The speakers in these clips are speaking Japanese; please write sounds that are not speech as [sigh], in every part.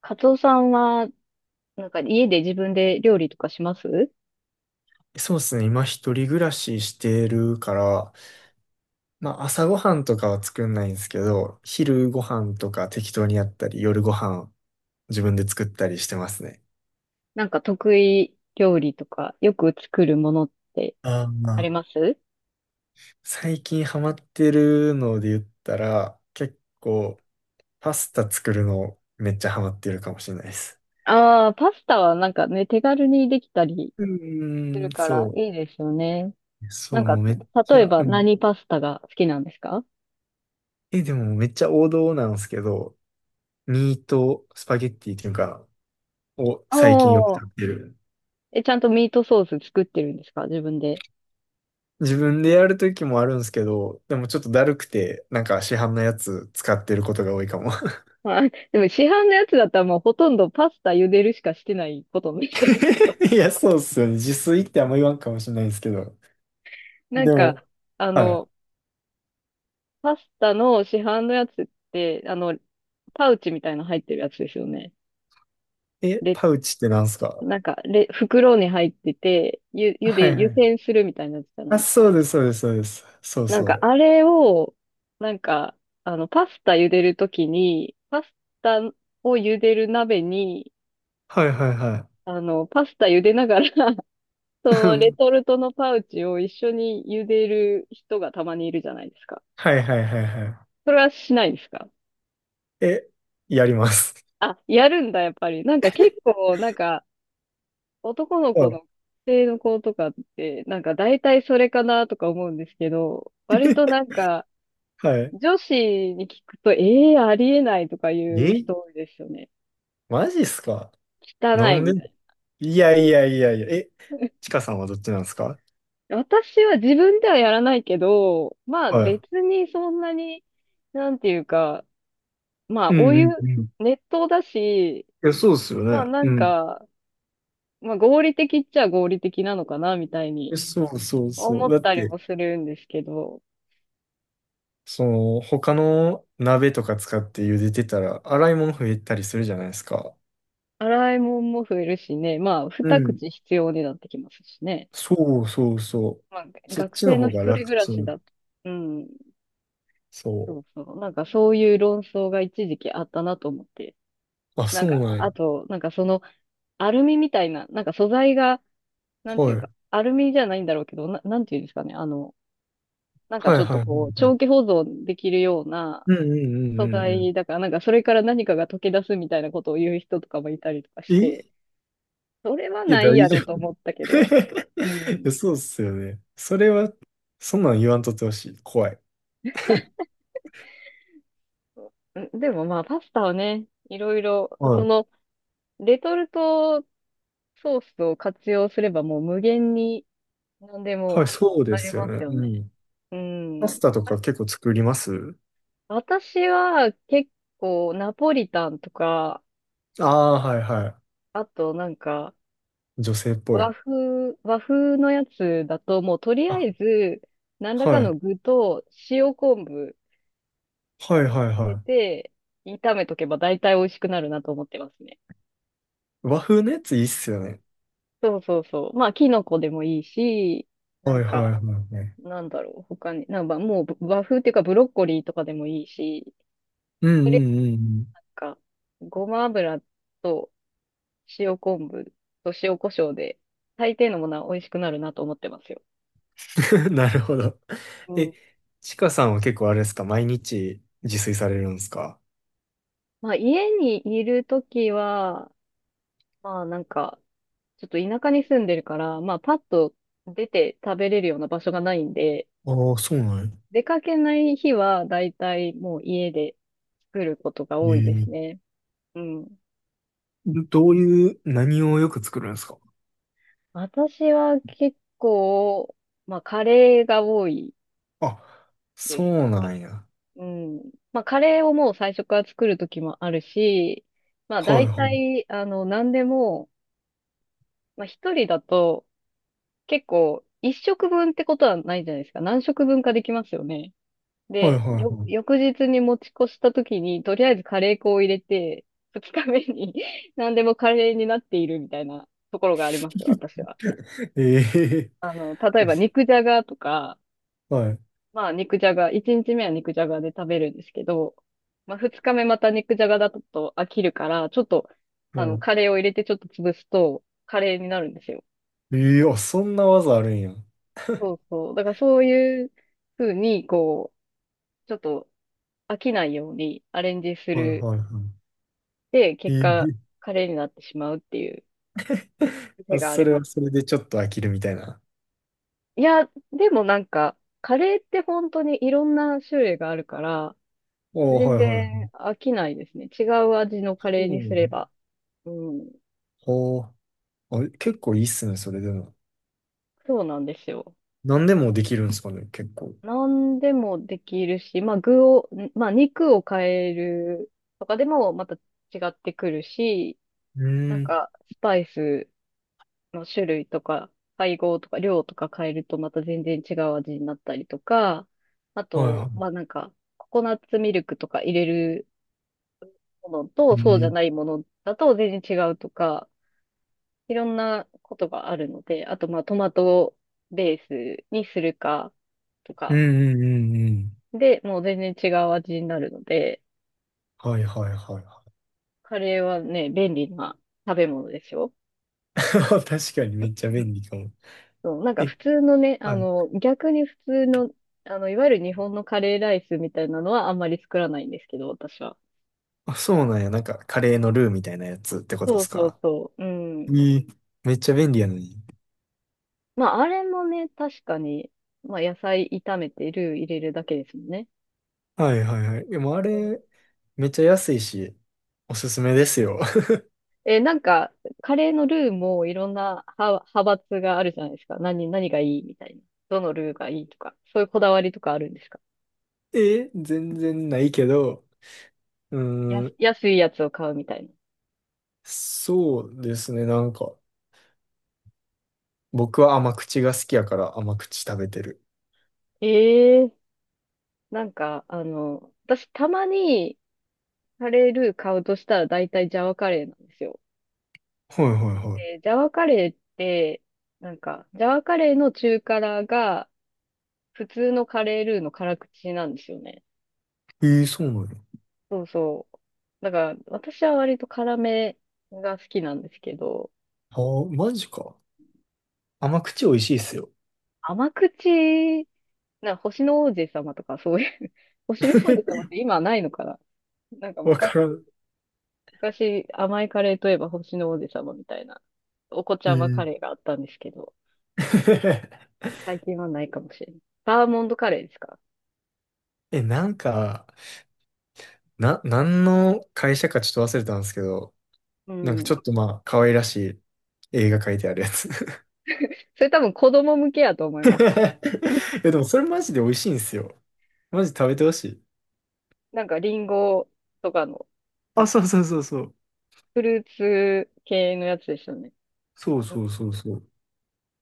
カツオさんは、なんか家で自分で料理とかします？そうですね。今一人暮らししてるから、まあ朝ごはんとかは作んないんですけど、昼ご飯とか適当にやったり、夜ご飯自分で作ったりしてますね。なんか得意料理とか、よく作るものってあーあまりあます？最近ハマってるので言ったら、結構パスタ作るのめっちゃハマってるかもしれないです。ああー、パスタはなんかね、手軽にできたりうすーん、るからそいいですよね。う。そなんう、か、もうめっち例えゃ、ばうん。何パスタが好きなんですか？え、でもめっちゃ王道なんですけど、ミートスパゲッティっていうか、をあ最近よくあ。食べてる。え、ちゃんとミートソース作ってるんですか自分で。自分でやるときもあるんですけど、でもちょっとだるくて、なんか市販のやつ使ってることが多いかも。まあ、でも市販のやつだったらもうほとんどパスタ茹でるしかしてないことになっちゃうけど。[laughs] いや、そうっすよね。自炊ってあんま言わんかもしれないですけど。なんでか、も、あはの、パスタの市販のやつって、パウチみたいなの入ってるやつですよね。い。え、で、パウチってなんすか？なんか、袋に入ってて、ゆ、ゆはいで、は湯い。煎するみたいなやつじゃなあ、いですか。そうです、そうです、そうです。そうなんそか、う。あれを、なんか、パスタ茹でるときに、パスタを茹でる鍋に、はいはいはパスタ茹でながら [laughs] そい。[laughs] うのレん、トルトのパウチを一緒に茹でる人がたまにいるじゃないですか。はいはいはいはそれはしないですか？い。え、やります。あ、やるんだ、やっぱり。なんか結構、なんか、男のは子い。の学生の子とかって、なんか大体それかなとか思うんですけど、割となん [laughs] かはい。女子に聞くと、ええー、ありえないとか言うえ、人多いですよね。マジっすか？な汚いんで？みたいいやいやいやいや。え、な。ちかさんはどっちなんですか？ [laughs] 私は自分ではやらないけど、まあはい。別にそんなに、なんていうか、まあうおんう湯、んうん、熱湯だし、いや、そうですよまあね。なうんん。か、まあ合理的っちゃ合理的なのかなみたいえ、にそうそうそ思う。っだったりて、もするんですけど、その、他の鍋とか使って茹でてたら、洗い物増えたりするじゃないですか。洗い物も増えるしね、まあ、う二ん。口必要になってきますしね。そうそうそう。まあ、そっ学ちの生の方一が人楽暮らちしだん。と、うん、そそうそう、なんかそういう論争が一時期あったなと思って。う。あ、なそんうか、なんや。あと、なんかその、アルミみたいな、なんか素材が、なんてはいうか、い。アルミじゃないんだろうけど、なんていうんですかね、なんかはちいょっはいとはいこう、はい。長期保存できるようなうんうんうんう素んう材ん。だから、なんかそれから何かが溶け出すみたいなことを言う人とかもいたりとかしえ、て、それはいや、ない大や丈ろうと思った夫。け [laughs] ど、ういん。や、そうっすよね。それは、そんなん言わんとってほしい。怖い。[laughs] んでもまあ、パスタはね、いろいろ、はそい。の、レトルトソースを活用すればもう無限に何ではい、もそうでありすよますね。ようね。ん。うパスん。タとあ、か結構作ります？私は結構ナポリタンとか、ああー、はいはあとなんかい。女性っぽ和い。風、和風のやつだともうとりああ、えず何らかはのい。具と塩昆布はいはい入れはて炒めとけば大体美味しくなるなと思ってますね。い。和風のやついいっすよね。そうそうそう。まあ、キノコでもいいし、なはんいはか、いはいはい。なんだろう、他に、なんかもう和風っていうかブロッコリーとかでもいいし、うんうんうんなんか、ごま油と塩昆布と塩コショウで、大抵のものは美味しくなるなと思ってますよ。うん。[laughs] なるほど。うえ、ん。ちかさんは結構あれですか？毎日自炊されるんですか？まあ、家にいるときは、まあ、なんか、ちょっと田舎に住んでるから、まあ、パッと出て食べれるような場所がないんで、ああー、そうなんや。出かけない日は、だいたいもう家で作ることが多いですえね。うん。え。どういう、何をよく作るんですか？私は結構、まあ、カレーが多いあ、でそす。うなんや。うん。まあ、カレーをもう最初から作る時もあるし、まあ、はい大はい。体、何でも、まあ、一人だと、結構、一食分ってことはないじゃないですか。何食分かできますよね。はいで、はいは翌日に持ち越した時に、とりあえずカレー粉を入れて、二日目に [laughs] 何でもカレーになっているみたいなところがありますよ、私は。い。[laughs] ええ。例えば [laughs] 肉じゃがとか、あ、はい。まあ、肉じゃが、1日目は肉じゃがで食べるんですけど、まあ、2日目また肉じゃがだと飽きるから、ちょっと、もカレーを入れてちょっと潰すと、カレーになるんですよ。う、ええ、あ、そんな技あるんや。そうそう。だからそういう風に、こう、ちょっと飽きないようにアレンジすはいはる。いはい。で、結え果、え。 カレーになってしまうっていう [laughs] 癖あ、があそりれまはす。それでちょっと飽きるみたいな。いや、でもなんか、カレーって本当にいろんな種類があるから、おお、全はいは然飽きないですね。違う味のカい。うレーにすれん。ば。うん。お、あ、結構いいっすね、それでも。そうなんですよ。何でなもんでかきるんですかね、結構。何でもできるし、まあ具を、んまあ肉を変えるとかでもまた違ってくるし、うなんん。かスパイスの種類とか配合とか量とか変えるとまた全然違う味になったりとか、あはいと、はまあなんかココナッツミルクとか入れるものとそうじい。ゃないええ、ものだと全然違うとか、いろんなことがあるので、あとまあトマトベースにするか、とうんか、うんうんうん。で、もう全然違う味になるので、はいはいはいはカレーはね、便利な食べ物でしょ？い。[laughs] 確かにめっちゃ便利かも。そう、なんかえ、普通のね、はい。逆に普通の、いわゆる日本のカレーライスみたいなのはあんまり作らないんですけど、私は。あ、そうなんや。なんか、カレーのルーみたいなやつってことでそうすそうか？そう。うん。ええ、めっちゃ便利やのに。まあ、あれもね、確かに、まあ、野菜炒めてルー入れるだけですもんね。はいはいはい。でもあうん。れ、めっちゃ安いし、おすすめですよ。え、なんか、カレーのルーもいろんな派閥があるじゃないですか。何がいいみたいな。どのルーがいいとか。そういうこだわりとかあるんですか？え、全然ないけど、うーん、安いやつを買うみたいな。そうですね、なんか、僕は甘口が好きやから甘口食べてる。ええ、なんか、私たまにカレールー買うとしたら大体ジャワカレーなんですよ。はいはいはで、ジャワカレーって、なんか、ジャワカレーの中辛が普通のカレールーの辛口なんですよね。い。えー、そうなの？そうそう。だから、私は割と辛めが好きなんですけど、ああ、マジか。甘口美味しいっすよ。甘口、なんか星の王子様とかそういう [laughs] 星の王子様 [laughs] って今ないのかな？なんかわ昔からん。昔、甘いカレーといえば星の王子様みたいな、お子ちえゃまー。 カレーがあったんですけど、[laughs] 最近はないかもしれない。バーモントカレーですか？え、なんか、何の会社かちょっと忘れたんですけど、うなんかちん。ょっとまあ、可愛らしい映画描いてあるやつ。[laughs] いそれ多分子供向けやと思います。や、でもそれマジで美味しいんですよ。マジ食べてほしい。なんかリンゴとかの、あ、そうそうそうそう。フルーツ系のやつですよね。そううそん。うそうそう。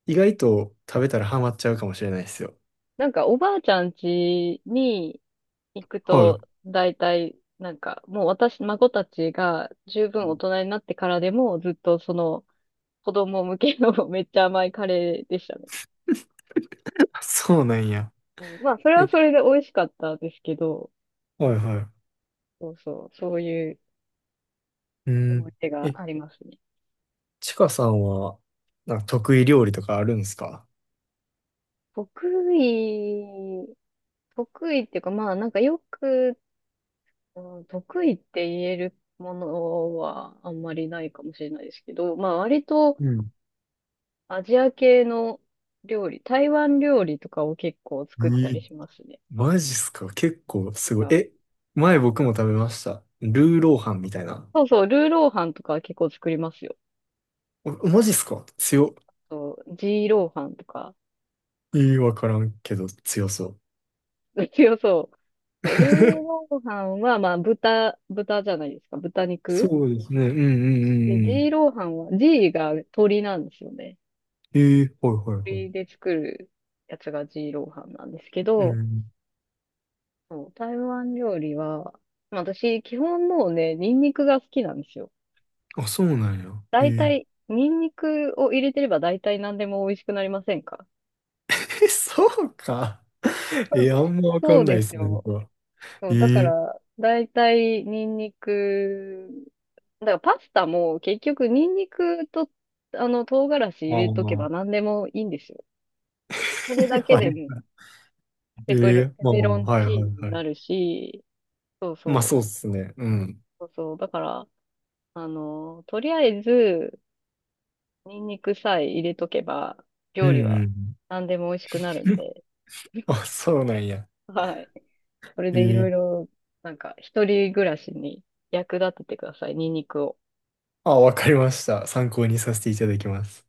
意外と食べたらハマっちゃうかもしれないですよ。なんかおばあちゃん家に行くはい。と、大体、なんかもう私、孫たちが十分大人になってからでもずっとその子供向けの [laughs] めっちゃ甘いカレーでしたね。あ、そうなんや。うん、まあ、それはえ、それで美味しかったですけど、うはいん、はい。そうそう、そういうう思いん。出がえ、ありますね。ちかさんは、なんか得意料理とかあるんですか？得意、得意っていうか、まあ、なんかよく、うん、得意って言えるものはあんまりないかもしれないですけど、まあ、割とうん。アジア系の料理、台湾料理とかを結構え作ったりー、しますね。マジっすか？結構なんすごい。か、え、前僕も食べました。ルーローハンみたいな。そうそう、ルーローハンとかは結構作りますよ。お、マジっすか？強。そう、ジーローハンとか。いい、わからんけど強そう。[laughs] 強そう。そうルーロ [laughs] ーハンは、まあ、豚じゃないですか。豚肉。そうですね。うんうんうで、ジんうーん。ローハンは、ジーが鶏なんですよね。えー、はいはいはい。鶏で作るやつがジーローハンなんですけうど、ん。そう台湾料理は、まあ私、基本もうね、ニンニクが好きなんですよ。あ、そうなんや。え、大え体、ニンニクを入れてれば大体何でも美味しくなりませんか？ え、そうか。え、あ [laughs] んまわかそんうないでですすね、僕よ。は。そえう、だかー、ら、だいたいニンニクだからパスタも結局ニンニクと、唐辛子入あれとけばあ、何でもいいんですよ。それえ、だけはでい。もえー、ペまあペロまあ、ンはいチはいーノにはない。るし、そうまあ、そそうっすね。うん。う、そうそう。だから、とりあえずニンニクさえ入れとけばう料理んはうん。何でも美味しくなるん [laughs] で、あ、そうなんや。はい。それえでいろー、いろ、なんか一人暮らしに役立ててください、ニンニクを。あ、わかりました。参考にさせていただきます。